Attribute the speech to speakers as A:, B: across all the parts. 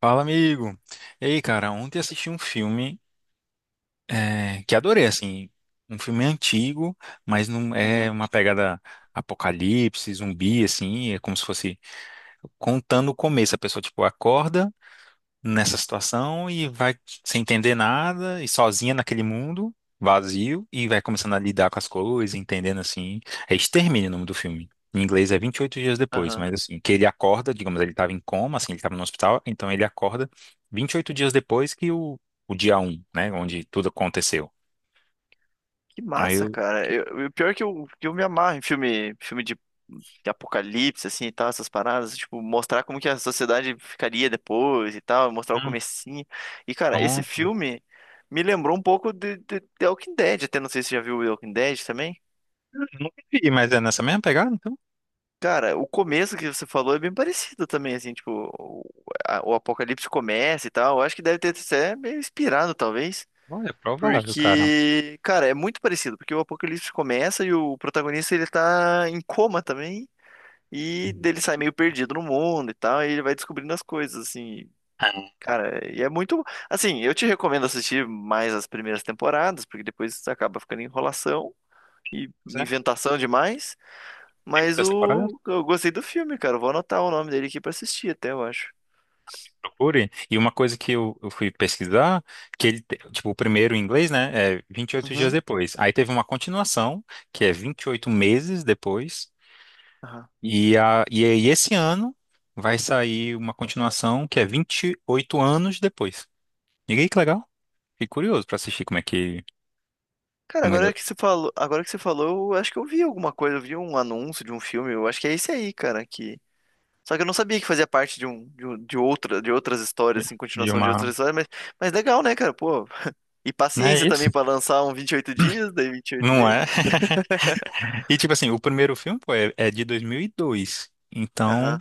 A: Fala, amigo. Ei, cara, ontem assisti um filme que adorei, assim, um filme antigo, mas não é
B: Uhum.
A: uma pegada apocalipse, zumbi, assim, é como se fosse contando o começo. A pessoa, tipo, acorda nessa situação e vai sem entender nada e sozinha naquele mundo vazio e vai começando a lidar com as coisas, entendendo assim. É Extermínio o nome do filme. Em inglês é 28 dias depois,
B: Aham.
A: mas assim, que ele acorda, digamos, ele estava em coma, assim, ele estava no hospital, então ele acorda 28 dias depois que o dia um né, onde tudo aconteceu.
B: Que
A: Aí
B: massa,
A: eu,
B: cara. O pior é que eu me amarro em filme, filme de apocalipse, assim, e tal, essas paradas. Tipo, mostrar como que a sociedade ficaria depois e tal, mostrar o
A: hum,
B: comecinho. E, cara, esse
A: Bom,
B: filme me lembrou um pouco de Walking Dead, até não sei se você já viu o Walking Dead também.
A: eu nunca vi, mas é nessa mesma pegada, então,
B: Cara, o começo que você falou é bem parecido também, assim, tipo, o, o apocalipse começa e tal. Eu acho que deve ter sido até meio inspirado, talvez.
A: olha, é provável, cara.
B: Porque, cara, é muito parecido, porque o Apocalipse começa e o protagonista ele tá em coma também, e
A: Hum.
B: dele sai meio perdido no mundo e tal, e ele vai descobrindo as coisas, assim, cara, e é muito, assim, eu te recomendo assistir mais as primeiras temporadas, porque depois acaba ficando enrolação e
A: É,
B: inventação demais,
A: tem
B: mas
A: muitas temporadas?
B: o eu gostei do filme, cara, eu vou anotar o nome dele aqui pra assistir até, eu acho.
A: Procure. E uma coisa que eu fui pesquisar, tipo, o primeiro em inglês, né, é vinte e oito dias
B: Uhum.
A: depois. Aí teve uma continuação, que é 28 meses depois.
B: Aham.
A: E aí esse ano vai sair uma continuação que é 28 anos depois. E aí, que legal. Fiquei curioso pra assistir como é que.
B: Cara,
A: Como é
B: agora que você falou, eu acho que eu vi alguma coisa, eu vi um anúncio de um filme, eu acho que é esse aí, cara, que só que eu não sabia que fazia parte de outras histórias, assim,
A: de
B: continuação de outras
A: uma.
B: histórias, mas legal, né, cara? Pô. E
A: Não
B: paciência
A: é isso?
B: também pra lançar um 28 dias, daí vinte e oito
A: Não
B: meses.
A: é? E tipo assim, o primeiro filme, pô, é de 2002. Então.
B: Aham.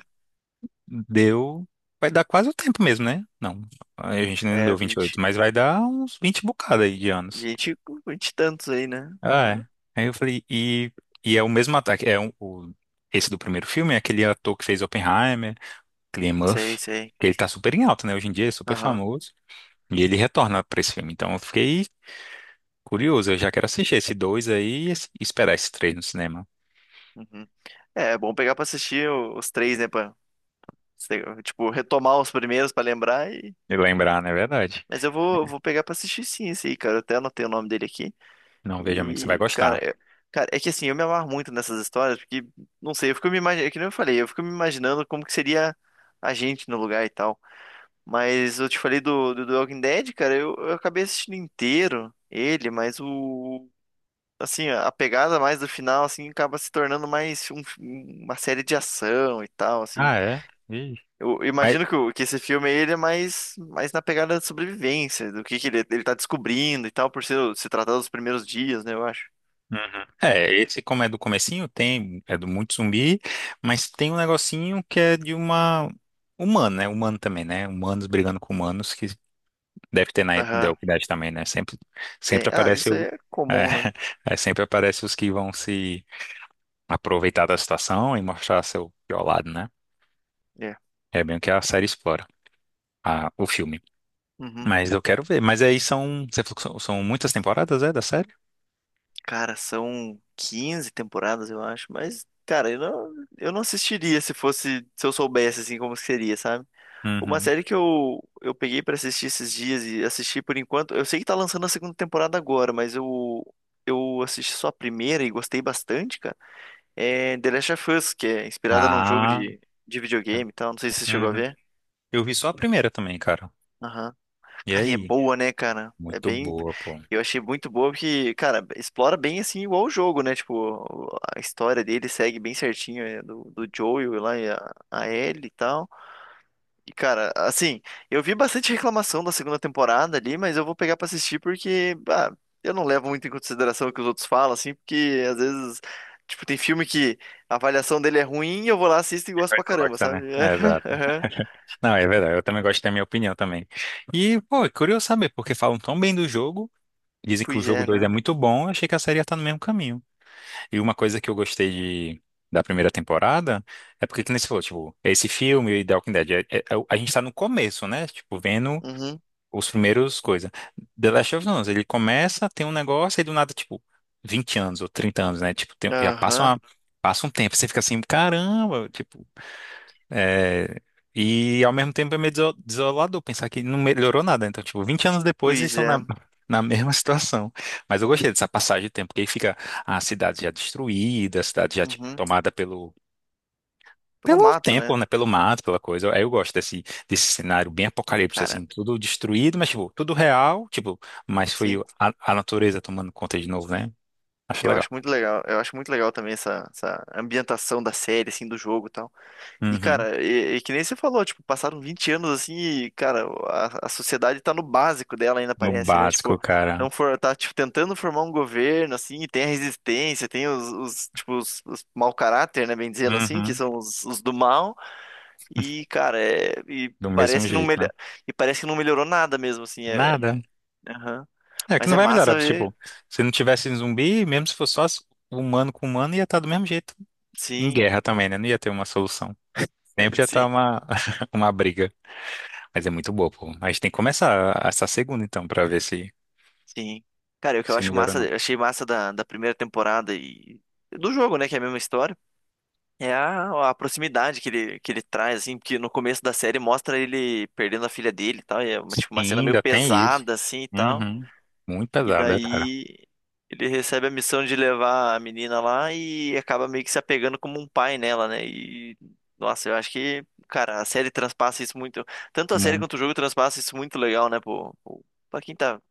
A: Deu. Vai dar quase o tempo mesmo, né? Não, a gente ainda não deu
B: É
A: 28
B: 20
A: mas vai dar uns 20 bocada aí de anos.
B: 20, 20 e tantos aí, né?
A: Ah,
B: Aham.
A: é. Aí eu falei, e é o mesmo ataque. Esse do primeiro filme, é aquele ator que fez Oppenheimer, Cillian Murphy,
B: Sei, sei.
A: que ele tá super em alta, né? Hoje em dia, é super
B: Aham.
A: famoso. E ele retorna pra esse filme. Então eu fiquei curioso, eu já quero assistir esse dois aí e esperar esse três no cinema.
B: Uhum. É bom pegar pra assistir os três, né, pra tipo retomar os primeiros pra lembrar.
A: E lembrar, né? É verdade.
B: Mas eu vou pegar pra assistir sim esse aí, cara. Eu até anotei o nome dele aqui.
A: Não, veja, amigo, você vai
B: E,
A: gostar.
B: cara, é que assim, eu me amarro muito nessas histórias, porque, não sei, eu fico me imaginando, é que nem eu falei, eu fico me imaginando como que seria a gente no lugar e tal. Mas eu te falei do Walking Dead, cara, eu acabei assistindo inteiro ele, mas o. Assim, a pegada mais do final, assim, acaba se tornando mais uma série de ação e tal, assim.
A: Ah, é? Ih.
B: Eu
A: Mas
B: imagino que esse filme aí, ele é mais na pegada de sobrevivência, do que ele tá descobrindo e tal, se tratar dos primeiros dias, né, eu acho.
A: Uhum. É, esse como é do comecinho, tem, é do muito zumbi, mas tem um negocinho que é de uma humana, né? Humano também, né? Humanos brigando com humanos, que deve ter na
B: Aham.
A: Idade também, né? Sempre,
B: Tem-
A: sempre
B: ah,
A: aparece
B: isso aí
A: o.
B: é
A: É,
B: comum, né?
A: é, sempre aparece os que vão se aproveitar da situação e mostrar seu pior lado, né?
B: É.
A: É bem o que a série explora, o filme.
B: Uhum.
A: Mas eu quero ver. Mas aí são, você falou que são muitas temporadas, é, da série?
B: Cara, são 15 temporadas, eu acho, mas, cara, eu não assistiria se fosse, se eu soubesse, assim, como seria, sabe? Uma
A: Uhum.
B: série que eu peguei pra assistir esses dias e assisti por enquanto, eu sei que tá lançando a segunda temporada agora, mas eu assisti só a primeira e gostei bastante, cara. É The Last of Us, que é inspirada num jogo
A: Ah,
B: de videogame e tal. Não sei se você chegou a
A: uhum.
B: ver.
A: Eu vi só a primeira também, cara.
B: Aham.
A: E
B: Cara, e é
A: aí?
B: boa, né, cara? É
A: Muito
B: bem.
A: boa, pô.
B: Eu achei muito boa porque, cara, explora bem assim igual o jogo, né? Tipo, a história dele segue bem certinho, do Joel lá e a Ellie e tal. E, cara, assim, eu vi bastante reclamação da segunda temporada ali, mas eu vou pegar pra assistir porque, bah, eu não levo muito em consideração o que os outros falam, assim, porque às vezes, tipo, tem filme que a avaliação dele é ruim e eu vou lá, assisto e gosto
A: Vai
B: pra caramba,
A: Costa, né?
B: sabe?
A: É, exato.
B: Aham.
A: Não, é verdade. Eu também gosto da minha opinião também. E, pô, é curioso saber, porque falam tão bem do jogo, dizem que o
B: Pois
A: jogo
B: é,
A: 2
B: né?
A: é muito bom, eu achei que a série ia estar no mesmo caminho. E uma coisa que eu gostei de, da primeira temporada é porque, que nem você falou, tipo, esse filme e The Walking Dead, a gente tá no começo, né? Tipo, vendo
B: Uhum.
A: os primeiros coisas. The Last of Us, ele começa, tem um negócio, e do nada, tipo, 20 anos ou 30 anos, né? Tipo,
B: Aham.
A: Passa um tempo, você fica assim, caramba, tipo, é, e ao mesmo tempo é meio desolador pensar que não melhorou nada. Então, tipo, 20 anos depois eles
B: Pois
A: estão na,
B: é.
A: na mesma situação. Mas eu gostei dessa passagem de tempo, porque aí fica a cidade já destruída, a cidade já, tipo,
B: Uhum.
A: tomada pelo,
B: Eu
A: pelo
B: mato, né?
A: tempo, né? Pelo mato, pela coisa. Aí eu gosto desse cenário bem apocalipse,
B: Cara,
A: assim, tudo destruído, mas, tipo, tudo real, tipo, mas foi
B: sim.
A: a natureza tomando conta de novo, né? Acho
B: Eu
A: legal.
B: acho muito legal. Eu acho muito legal também essa ambientação da série, assim, do jogo e tal. E,
A: Uhum.
B: cara, e que nem você falou, tipo, passaram 20 anos assim e, cara, a sociedade tá no básico dela ainda,
A: No
B: parece, né?
A: básico,
B: Tipo,
A: cara.
B: não for, tá, tipo, tentando formar um governo, assim, e tem a resistência, tem os tipo, os mau caráter, né, bem dizendo assim, que
A: Uhum.
B: são os do mal, e, cara,
A: Do mesmo jeito, né?
B: e parece que não melhorou nada mesmo, assim,
A: Nada.
B: aham.
A: É que
B: Mas
A: não
B: é
A: vai melhorar.
B: massa ver,
A: Tipo, se não tivesse zumbi, mesmo se fosse só humano com humano, ia estar do mesmo jeito. Em
B: sim,
A: guerra também, né? Não ia ter uma solução. Sempre ia estar
B: sim,
A: uma, uma briga. Mas é muito boa, pô. A gente tem que começar essa segunda, então, pra ver se,
B: sim. Cara, e o que eu
A: se
B: acho
A: melhora ou
B: massa,
A: não.
B: eu achei massa da primeira temporada e do jogo, né, que é a mesma história, é a proximidade que ele traz, assim, porque no começo da série mostra ele perdendo a filha dele e tal, e é uma, tipo,
A: E
B: uma cena meio
A: ainda tem isso.
B: pesada, assim, e tal.
A: Uhum. Muito
B: E
A: pesada, cara.
B: daí ele recebe a missão de levar a menina lá e acaba meio que se apegando como um pai nela, né? E, nossa, eu acho que, cara, a série transpassa isso muito. Tanto a série quanto o
A: Muito.
B: jogo transpassa isso muito legal, né, pô, pra quem tá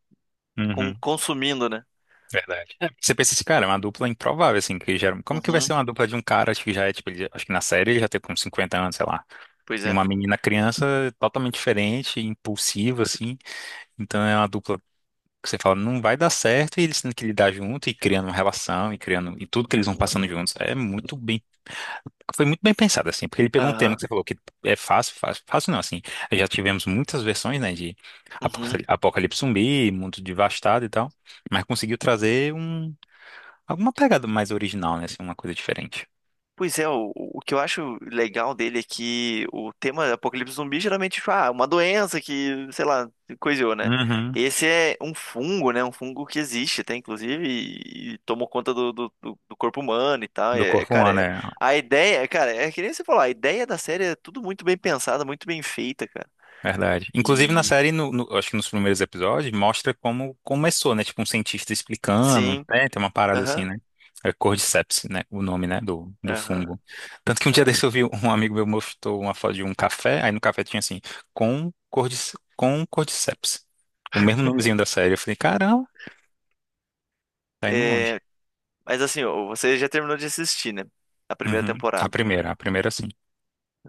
B: com-
A: Uhum.
B: consumindo, né?
A: Verdade. É, você pensa assim, cara, é uma dupla improvável, assim, que gera. Como que vai ser
B: Uhum,
A: uma dupla de um cara, acho que já é, tipo, acho que na série ele já tem uns 50 anos, sei lá.
B: pois
A: E
B: é.
A: uma menina criança totalmente diferente, impulsiva, assim. Então é uma dupla que você fala, não vai dar certo, e eles tendo que lidar junto e criando uma relação e criando e tudo que eles vão passando
B: Uhum.
A: juntos. Foi muito bem pensado assim, porque ele pegou um tema que você
B: Aham.
A: falou que é fácil, fácil, fácil não, assim. Já tivemos muitas versões, né, de apo-
B: Uhum.
A: apocalipse zumbi, mundo devastado e tal, mas conseguiu trazer alguma pegada mais original, né, assim, uma coisa diferente.
B: Pois é, o que eu acho legal dele é que o tema Apocalipse Zumbi geralmente, tipo, ah, uma doença que, sei lá, coisou, né?
A: Uhum.
B: Esse é um fungo, né? Um fungo que existe até, inclusive, e tomou conta do corpo humano e tal.
A: Do
B: É,
A: corpo
B: cara,
A: humano, né?
B: a ideia, cara, é que nem você falou, a ideia da série é tudo muito bem pensada, muito bem feita, cara.
A: Verdade. Inclusive na
B: E
A: série, acho que nos primeiros episódios, mostra como começou, né? Tipo, um cientista explicando,
B: sim,
A: né? Tem uma parada assim,
B: aham,
A: né? É Cordyceps, né? O nome, né? Do
B: aham,
A: fungo. Tanto que um dia
B: cara.
A: desse eu vi um amigo meu mostrou uma foto de um café, aí no café tinha assim, com Cordyceps. O mesmo nomezinho da série. Eu falei, caramba, tá indo longe.
B: É, mas assim, ó, você já terminou de assistir, né? A primeira
A: Uhum.
B: temporada.
A: A primeira sim.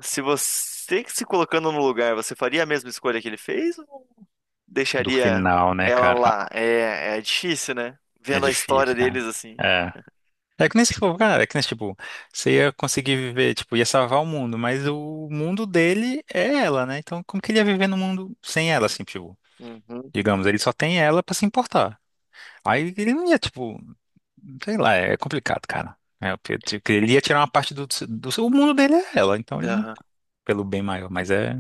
B: Se você que se colocando no lugar, você faria a mesma escolha que ele fez ou
A: Do
B: deixaria
A: final, né,
B: ela
A: cara?
B: lá?
A: Ah,
B: É, é difícil, né?
A: é
B: Vendo a
A: difícil,
B: história
A: cara.
B: deles assim.
A: É. É que nem se for, cara, é que nem, tipo, você ia conseguir viver, tipo, ia salvar o mundo, mas o mundo dele é ela, né? Então, como que ele ia viver no mundo sem ela, assim, tipo,
B: Uhum.
A: digamos, ele só tem ela pra se importar. Aí ele não ia, tipo, sei lá, é complicado, cara. É, porque, tipo, ele ia tirar uma parte do seu, o mundo dele é ela, então ele não,
B: Aham.
A: pelo bem maior, mas é,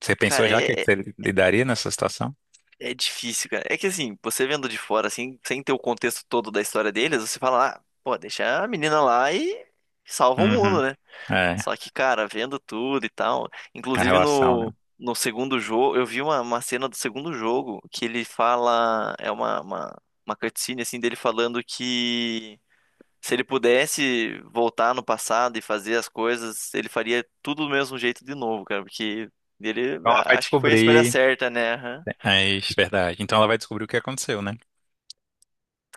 A: você pensou
B: Cara,
A: já o que
B: é,
A: que
B: é
A: você lidaria nessa situação?
B: é difícil, cara. É que assim, você vendo de fora, assim, sem ter o contexto todo da história deles, você fala, ah, pô, deixa a menina lá e salva o
A: Uhum,
B: mundo, né?
A: é,
B: Só que, cara, vendo tudo e tal.
A: a
B: Inclusive
A: relação, né?
B: no segundo jogo, eu vi uma cena do segundo jogo que ele fala. É uma cutscene assim dele falando que se ele pudesse voltar no passado e fazer as coisas, ele faria tudo do mesmo jeito de novo, cara. Porque ele
A: Então ela vai
B: acho que foi a escolha
A: descobrir,
B: certa, né? Aham.
A: é isso, verdade, então ela vai descobrir o que aconteceu, né?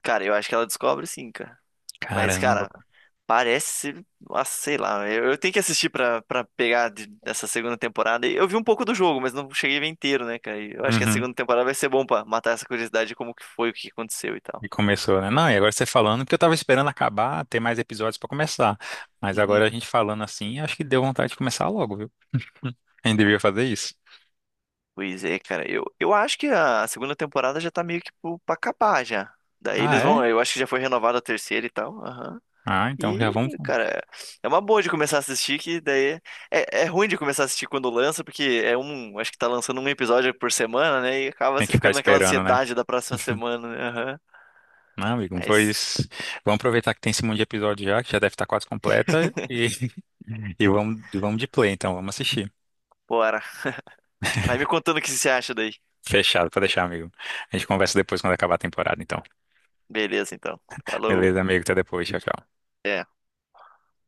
B: Cara, eu acho que ela descobre sim, cara. Mas,
A: Caramba,
B: cara,
A: pá.
B: parece, ah, sei lá, eu tenho que assistir pra, pegar dessa segunda temporada. E eu vi um pouco do jogo, mas não cheguei a ver inteiro, né, cara? E eu acho que a segunda temporada vai ser bom pra matar essa curiosidade de como que foi, o que aconteceu e tal.
A: E começou, né? Não, e agora você falando, porque eu tava esperando acabar, ter mais episódios pra começar. Mas agora
B: Uhum.
A: a gente falando assim, acho que deu vontade de começar logo, viu? A gente devia fazer isso.
B: Pois é, cara, eu acho que a segunda temporada já tá meio que pra acabar já. Daí
A: Ah,
B: eles
A: é?
B: vão, eu acho que já foi renovada a terceira e tal.
A: Ah, então já
B: E,
A: vamos.
B: cara, é uma boa de começar a assistir, que daí é ruim de começar a assistir quando lança, porque é um, acho que tá lançando um episódio por semana, né? E acaba
A: Tem
B: você
A: que ficar
B: ficando naquela
A: esperando, né?
B: ansiedade da próxima semana, né? Aham.
A: Não, amigo,
B: Mas,
A: pois vamos aproveitar que tem esse monte de episódio já, que já deve estar quase completa, e, e vamos de play, então, vamos assistir.
B: bora. Vai me contando o que você acha daí.
A: Fechado, pode deixar, amigo. A gente conversa depois quando acabar a temporada, então.
B: Beleza, então. Falou.
A: Beleza, amigo, até depois, tchau, tchau.
B: É.